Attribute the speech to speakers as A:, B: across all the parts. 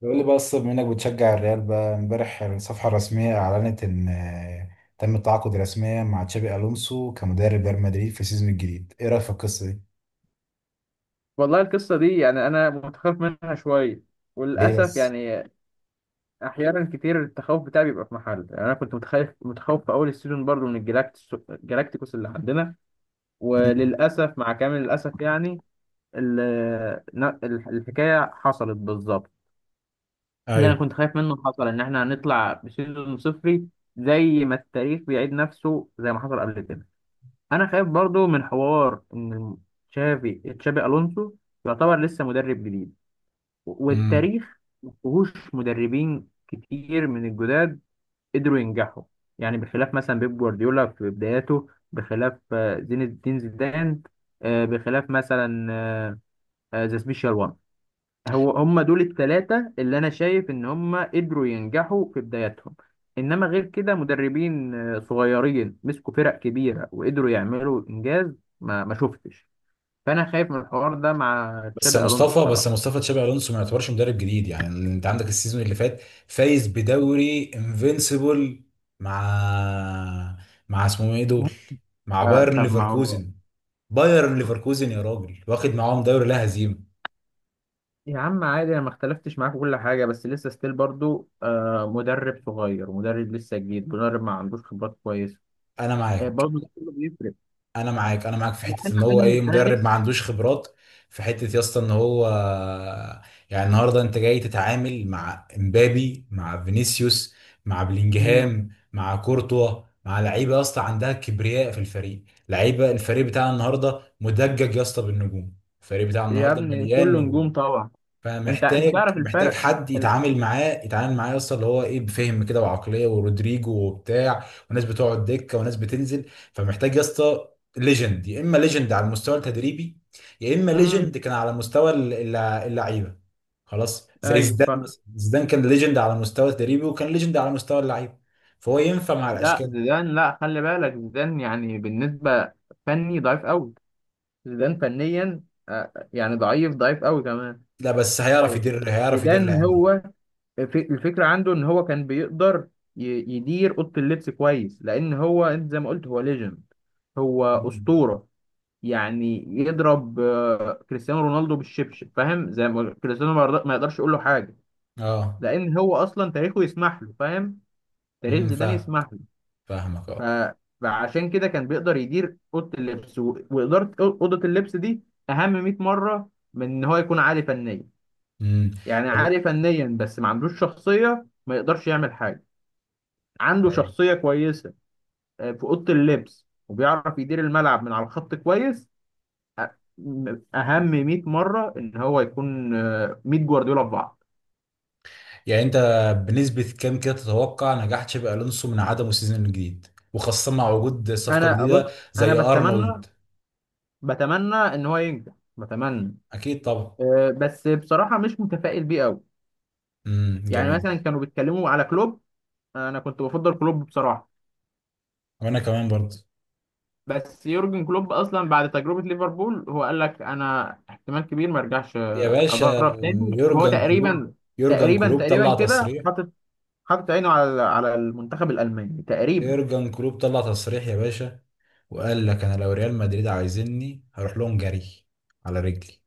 A: بيقول لي بقى الصب منك بتشجع الريال بقى، امبارح الصفحة الرسمية أعلنت إن تم التعاقد رسميا مع تشابي ألونسو كمدرب ريال مدريد في السيزون الجديد، إيه رأيك في القصة دي؟
B: والله القصة دي يعني أنا متخوف منها شوية،
A: ليه
B: وللأسف
A: بس؟
B: يعني. أحيانا كتير التخوف بتاعي بيبقى في محل، يعني أنا كنت متخوف في أول السيزون برضو من الجلاكتيكوس اللي عندنا.
A: مم.
B: وللأسف مع كامل الأسف يعني الحكاية حصلت بالظبط. اللي أنا
A: ايوه.
B: كنت خايف منه حصل، إن إحنا هنطلع بسيزون صفري، زي ما التاريخ بيعيد نفسه زي ما حصل قبل كده. أنا خايف برضو من حوار إن تشابي ألونسو يعتبر لسه مدرب جديد،
A: امم.
B: والتاريخ ما فيهوش مدربين كتير من الجداد قدروا ينجحوا. يعني بخلاف مثلا بيب جوارديولا في بداياته، بخلاف زين الدين زيدان، بخلاف مثلا ذا سبيشال وان. هو هم دول الثلاثة اللي أنا شايف إن هم قدروا ينجحوا في بداياتهم. إنما غير كده مدربين صغيرين مسكوا فرق كبيرة وقدروا يعملوا إنجاز ما شفتش. فأنا خايف من الحوار ده مع
A: بس يا
B: تشابي ألونسو
A: مصطفى، بس
B: بصراحة.
A: يا مصطفى، تشابي الونسو ما يعتبرش مدرب جديد، يعني انت عندك السيزون اللي فات فايز بدوري انفينسيبل، مع مع اسمهم ايه دول؟ مع بايرن
B: طب ما هو.
A: ليفركوزن. بايرن ليفركوزن يا راجل، واخد معاهم دوري لا هزيمه.
B: يا عم عادي، انا ما اختلفتش معاك في كل حاجه، بس لسه ستيل برضو مدرب صغير، مدرب لسه جديد، مدرب ما عندوش خبرات كويسه.
A: انا معاك،
B: برضو ده كله بيفرق.
A: انا معاك، انا معاك في حته ان
B: انا
A: هو
B: انا
A: ايه،
B: انا
A: مدرب ما
B: نفسي.
A: عندوش خبرات، في حته يا اسطى ان هو يعني النهارده انت جاي تتعامل مع امبابي، مع فينيسيوس، مع
B: مم.
A: بلينجهام، مع كورتوا، مع لعيبه يا اسطى عندها كبرياء في الفريق، لعيبه الفريق بتاعنا النهارده مدجج يا اسطى بالنجوم. الفريق بتاعنا
B: يا
A: النهارده
B: ابني
A: مليان
B: كله
A: نجوم.
B: نجوم طبعا. انت
A: فمحتاج،
B: تعرف الفرق
A: حد
B: ال...
A: يتعامل معاه، يتعامل معاه اصلا اللي هو ايه، بفهم كده وعقليه ورودريجو وبتاع، وناس بتقعد دكه وناس بتنزل، فمحتاج يا اسطى ليجند، يا اما ليجند على المستوى التدريبي، يا اما
B: مم.
A: ليجند كان على مستوى اللعيبه. خلاص، زي
B: ايوه
A: زيدان
B: فاهم.
A: مثلا، زيدان كان ليجند على مستوى التدريبي وكان ليجند على مستوى اللعيبه، فهو ينفع مع
B: لا
A: الاشكال دي.
B: زيدان، لا خلي بالك، زيدان يعني بالنسبه فني ضعيف قوي. زيدان فنيا يعني ضعيف ضعيف قوي كمان.
A: لا بس هيعرف
B: آه،
A: يدير، هيعرف يدير
B: زيدان
A: العيال دي.
B: هو الفكرة عنده إن هو كان بيقدر ي- يدير أوضة اللبس كويس، لأن هو، أنت زي ما قلت، هو ليجند، هو
A: مم.
B: أسطورة. يعني يضرب كريستيانو رونالدو بالشبشب، فاهم، زي ما كريستيانو ما يقدرش يقول له حاجة،
A: اه.
B: لأن هو أصلا تاريخه يسمح له، فاهم، تاريخ
A: امم،
B: زيدان
A: فاهم.
B: يسمح له.
A: فاهمك
B: ف...
A: اه.
B: فعشان كده كان بيقدر يدير أوضة اللبس وإدارة أوضة اللبس دي أهم 100 مرة من إن هو يكون عالي فنيا.
A: امم،
B: يعني عالي فنيا بس ما عندوش شخصية ما يقدرش يعمل حاجة. عنده
A: طب
B: شخصية كويسة في أوضة اللبس وبيعرف يدير الملعب من على الخط كويس، أ- أهم 100 مرة إن هو يكون 100 جوارديولا في بعض.
A: يعني انت بنسبة كام كده تتوقع نجاح تشابي الونسو من عدمه السيزون الجديد، وخاصة مع وجود صفقة
B: أنا بص
A: جديدة
B: أنا
A: زي
B: بتمنى
A: ارنولد؟
B: بتمنى إن هو ينجح، بتمنى.
A: اكيد طبعا.
B: بس بصراحة مش متفائل بيه أوي.
A: امم،
B: يعني
A: جميل.
B: مثلا كانوا بيتكلموا على كلوب، أنا كنت بفضل كلوب بصراحة.
A: وانا كمان برضه.
B: بس يورجن كلوب اصلا بعد تجربه ليفربول هو قال لك انا احتمال كبير ما ارجعش
A: يا باشا،
B: ادرب تاني. وهو
A: يورجن كلوب،
B: تقريبا
A: يورجن
B: تقريبا
A: كلوب
B: تقريبا
A: طلع
B: كده
A: تصريح،
B: حاطط عينه على المنتخب الالماني تقريبا.
A: يورجن كلوب طلع تصريح يا باشا، وقال لك انا لو ريال مدريد عايزيني هروح لهم جري على رجلي.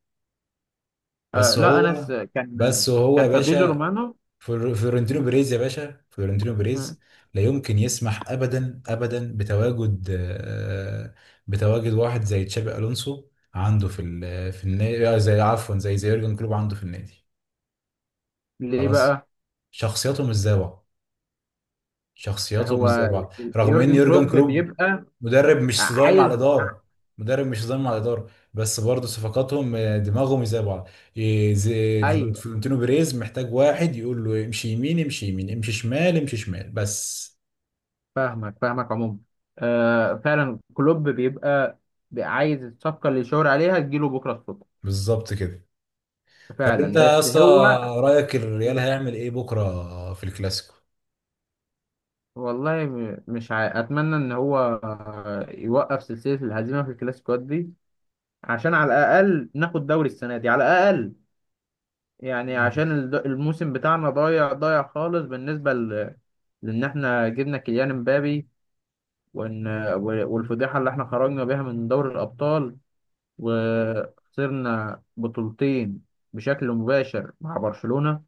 A: بس
B: لا،
A: هو،
B: كان
A: بس هو يا
B: كان فابريزو
A: باشا،
B: رومانو.
A: فلورنتينو بيريز يا باشا، فلورنتينو
B: آه،
A: بيريز لا يمكن يسمح ابدا ابدا بتواجد، بتواجد واحد زي تشابي الونسو عنده في النادي، زي، عفوا، زي يورجن كلوب عنده في النادي.
B: ليه
A: خلاص،
B: بقى؟
A: شخصياتهم مش زي بعض. شخصياتهم مش زي
B: هو
A: بعض، رغم ان
B: يورجن
A: يورجن
B: كلوب
A: كلوب
B: بيبقى
A: مدرب مش صدايم مع
B: عايز.
A: الاداره، مدرب مش صدايم مع الاداره، بس برضه صفقاتهم، دماغهم زي بعض. إيه، زي
B: ايوه،
A: فلورنتينو بيريز محتاج واحد يقول له امشي يمين، امشي يمين، امشي شمال، امشي شمال بس.
B: فاهمك فاهمك عموما. فعلا كلوب بيبقى عايز الصفقه اللي يشاور عليها تجيله بكره الصبح.
A: بالظبط كده. طب انت
B: فعلا
A: يا
B: بس
A: اسطى،
B: هو.
A: رايك الريال هيعمل ايه بكره في الكلاسيكو؟
B: والله م- مش عا... اتمنى ان هو يوقف سلسله الهزيمه في الكلاسيكوات دي عشان على الاقل ناخد دوري السنه دي على الاقل. يعني
A: مم.
B: عشان الموسم بتاعنا ضايع ضايع خالص لان احنا جبنا كيليان امبابي، وان والفضيحه اللي احنا خرجنا بيها من دوري الابطال
A: مم.
B: وخسرنا بطولتين بشكل مباشر مع برشلونه.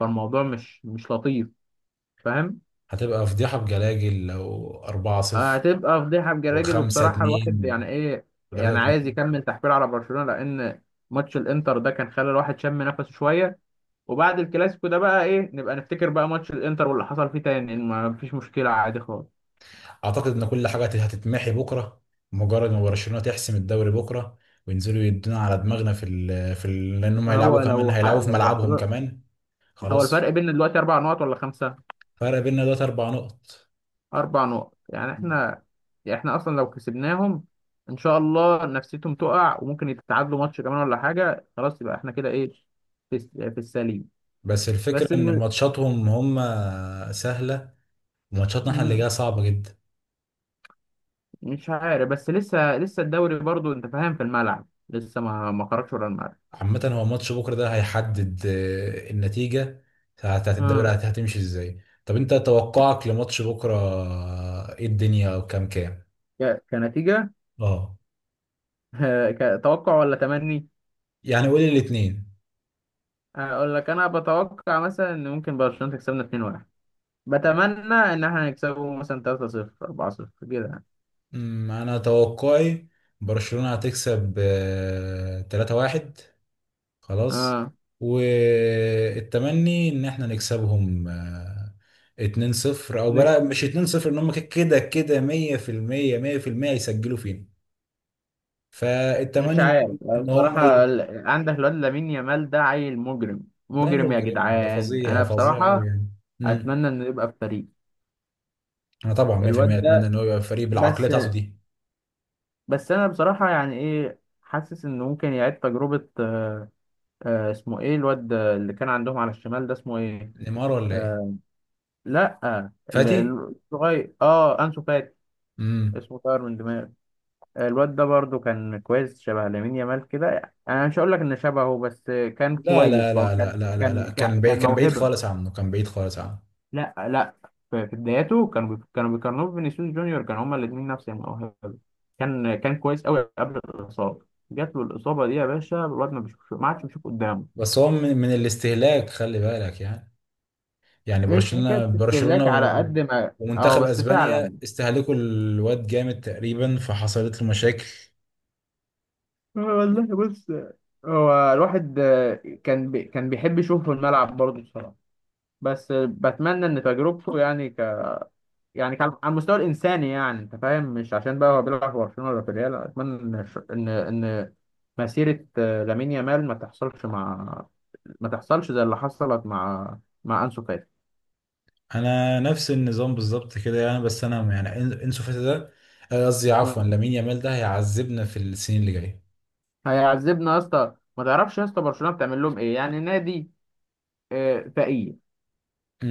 B: فالموضوع مش لطيف، فاهم.
A: هتبقى فضيحه بجلاجل لو 4-0
B: هتبقى فضيحه بجراجل، وبصراحه
A: و5-2
B: الواحد يعني ايه. يعني عايز
A: و3-2.
B: يكمل تحفيل على برشلونه لان ماتش الانتر ده كان خلى الواحد شم نفسه شويه. وبعد الكلاسيكو ده بقى ايه، نبقى نفتكر بقى ماتش الانتر واللي حصل فيه تاني، إن ما فيش مشكله، عادي خالص.
A: اعتقد ان كل حاجه هتتمحي بكره، مجرد ما برشلونه تحسم الدوري بكره، وينزلوا يدونا على دماغنا في ال لانهم هيلعبوا
B: هو
A: كمان، هيلعبوا في
B: لو
A: ملعبهم
B: برشلونه،
A: كمان.
B: هو الفرق
A: خلاص.
B: بيننا دلوقتي اربع نقط ولا خمسه.
A: فرق بيننا دلوقتي اربع نقط،
B: اربع نقط. يعني احنا اصلا لو كسبناهم، ان شاء الله نفسيتهم تقع وممكن يتعادلوا ماتش كمان ولا حاجه، خلاص يبقى احنا كده ايه، في السليم.
A: بس الفكره
B: بس
A: ان ماتشاتهم هم سهله، وماتشاتنا احنا اللي
B: الم...
A: جايه صعبه جدا.
B: مش عارف، بس لسه الدوري برضو انت فاهم في الملعب، لسه ما خرجش ورا الملعب.
A: عامه هو ماتش بكره ده هيحدد النتيجه بتاعت الدوري
B: امم.
A: هتمشي ازاي. طب انت توقعك لماتش بكره، ايه الدنيا، وكام كام؟
B: كنتيجة
A: اه.
B: كتوقع ولا تمني؟
A: يعني قولي الاتنين.
B: اقول لك انا بتوقع مثلا ان ممكن برشلونة تكسبنا 2-1، بتمنى ان احنا نكسبه مثلا 3-0 4-0 كده يعني.
A: انا توقعي برشلونة هتكسب 3-1. خلاص.
B: اه.
A: والتمني ان احنا نكسبهم، 2-0، او
B: ن-
A: بلا مش 2-0، ان هم كده كده 100% 100% يسجلوا فينا،
B: مش
A: فالتمني ان
B: عارف
A: هم ان هم
B: بصراحة،
A: ي...
B: عندك الواد لامين يامال ده عيل مجرم،
A: ده
B: مجرم يا
A: مجرم، ده
B: جدعان،
A: فظيع
B: انا
A: فظيع قوي
B: بصراحة
A: يعني. امم.
B: اتمنى انه يبقى في فريق.
A: انا طبعا 100%
B: الواد
A: اتمنى
B: ده
A: ان هو يبقى فريق بالعقليه
B: بس
A: بتاعته دي.
B: بس انا بصراحه يعني ايه، حاسس انه ممكن يعيد تجربه. اسمه ايه الواد اللي كان عندهم على الشمال ده، اسمه ايه؟
A: نيمار ولا ايه؟
B: آه لا،
A: فاتي.
B: الصغير، انسو فاتي.
A: امم.
B: اسمه طاير من دماغي. الواد ده برضو كان كويس، شبه لامين يامال كده يعني. انا مش هقول لك ان شبهه، بس كان
A: لا
B: كويس
A: لا
B: بقى.
A: لا لا لا لا لا،
B: كان كان
A: كان بعيد،
B: كان
A: كان بعيد
B: موهبه.
A: خالص عنه، كان بعيد خالص عنه.
B: لا، لا، في بداياته كانوا بيقارنوه بفينيسيوس جونيور، كانوا هما الاثنين نفس الموهبه. كان كويس قوي قبل الاصابه. جات له الاصابه دي يا باشا، الواد ما بيشوفش، ما عادش بيشوف قدامه.
A: بس هو من الاستهلاك، خلي بالك يعني، يعني
B: مش حكايه
A: برشلونة
B: استهلاك
A: برشلونة
B: على قد ما، اه،
A: ومنتخب
B: بس
A: اسبانيا
B: فعلا.
A: استهلكوا الواد جامد تقريبا، فحصلت له مشاكل.
B: والله بص، هو الواحد كان بيحب يشوفه في الملعب برضه بصراحه. بس بتمنى ان تجربته يعني، يعني كان على المستوى الانساني يعني انت فاهم، مش عشان بقى هو بيلعب في برشلونه ولا في الريال، اتمنى ان ان ان مسيره لامين يامال ما تحصلش زي اللي حصلت مع انسو فاتي.
A: انا نفس النظام بالظبط كده يعني، بس انا يعني انسو فاتي ده، قصدي عفوا
B: مم.
A: لامين يامال ده هيعذبنا في السنين اللي جايه.
B: هيعذبنا يا اسطى، ما تعرفش يا اسطى برشلونه بتعمل لهم ايه. يعني نادي فقير،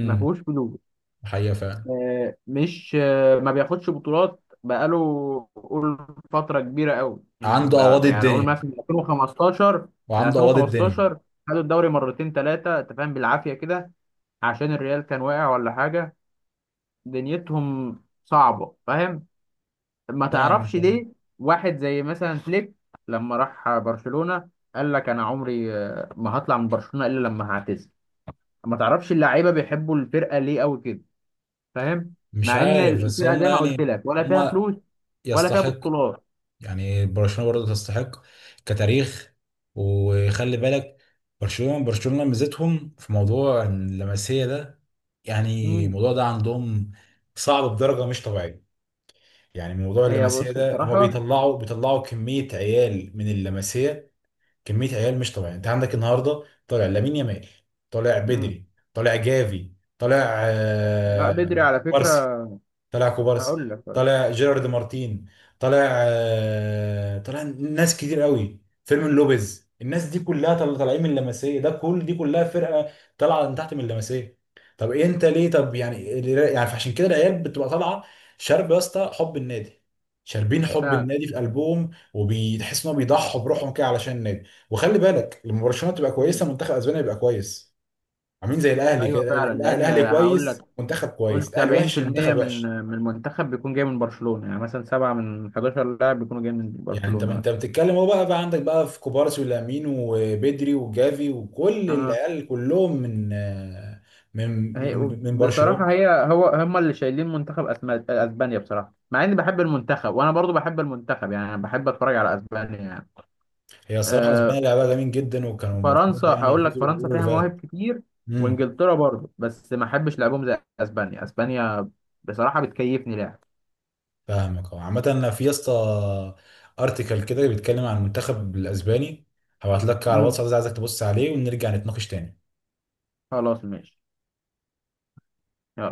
B: ما فيهوش فلوس،
A: حقيقة فعلا.
B: آه، مش آه، ما بياخدش بطولات بقاله قول فترة كبيرة قوي، يعني
A: عنده اواضي
B: بقى يعني قول
A: الدنيا،
B: مثلا من 2015
A: وعنده
B: من
A: اواضي الدنيا.
B: 2015 خدوا الدوري مرتين ثلاثة، انت فاهم، بالعافية كده، عشان الريال كان واقع ولا حاجة. دنيتهم صعبة، فاهم. ما
A: فاهم.
B: تعرفش ليه، واحد زي مثلا فليك لما راح برشلونة قال لك انا عمري ما هطلع من برشلونة الا لما هعتزل. ما تعرفش اللعيبة بيحبوا الفرقة ليه قوي كده، فاهم،
A: مش
B: مع ان
A: عارف بس
B: الفرقه
A: هم
B: زي ما قلت
A: يعني،
B: لك، ولا فيها
A: هم
B: فلوس ولا فيها
A: يستحق،
B: بطولات.
A: يعني برشلونة برضه تستحق كتاريخ، وخلي بالك. برشلونة برشلونة ميزتهم في موضوع اللمسية ده، يعني
B: مم.
A: الموضوع ده عندهم صعب بدرجة مش طبيعية. يعني موضوع
B: هي
A: اللمسية
B: بص
A: ده هما
B: بصراحه.
A: بيطلعوا كمية عيال من اللمسية، كمية عيال مش طبيعية. انت عندك النهاردة طالع لامين يامال، طالع
B: مم.
A: بدري، طالع جافي، طالع
B: لا بدري على
A: كوبارسي.
B: فكره،
A: طلع كوبارسي،
B: هقول لك.
A: طلع جيرارد مارتين، طلع طلع ناس كتير قوي، فيرمين لوبيز، الناس دي كلها طالعين من اللمسيه ده، كل دي كلها فرقه طالعه من تحت من اللمسيه. طب إيه انت ليه، طب يعني فعشان كده العيال بتبقى طالعه شارب يا اسطى حب النادي، شاربين حب
B: فعلا.
A: النادي في قلبهم وبيتحس انهم بيضحوا بروحهم كده علشان النادي. وخلي بالك، لما برشلونه تبقى كويسه
B: مم.
A: منتخب اسبانيا يبقى كويس، عاملين زي الاهلي
B: ايوه
A: كده،
B: فعلا، لان
A: الاهلي
B: هقول لك،
A: كويس منتخب كويس،
B: قلت
A: الاهلي وحش
B: 70%
A: المنتخب
B: من
A: وحش.
B: من المنتخب بيكون جاي من برشلونه، يعني مثلا سبعه من 11 لاعب بيكونوا جاي من
A: يعني انت
B: برشلونه
A: انت
B: مثلا.
A: بتتكلم، هو بقى عندك بقى في كوبارسي ولامين وبدري وجافي، وكل
B: اه.
A: العيال كلهم من
B: هي
A: من
B: بصراحه،
A: برشلونة.
B: هي هو هم اللي شايلين منتخب اسبانيا بصراحه، مع اني بحب المنتخب، وانا برضو بحب المنتخب، يعني انا بحب اتفرج على اسبانيا يعني.
A: هي الصراحة
B: آه،
A: اسبانيا لعبها جميل جدا، وكانوا
B: فرنسا
A: المفروض يعني
B: هقول لك
A: يفوزوا
B: فرنسا
A: باليورو اللي
B: فيها
A: فات.
B: مواهب كتير،
A: امم.
B: وانجلترا برضه، بس ما احبش لعبهم زي اسبانيا. اسبانيا بصراحة بتكيفني لعب.
A: فاهمك اه. عامة انا في يا اسطى ارتكل كده بيتكلم عن المنتخب الاسباني، هبعت لك على
B: مم.
A: الواتساب، عايزك تبص عليه ونرجع نتناقش تاني.
B: خلاص ماشي. يلا.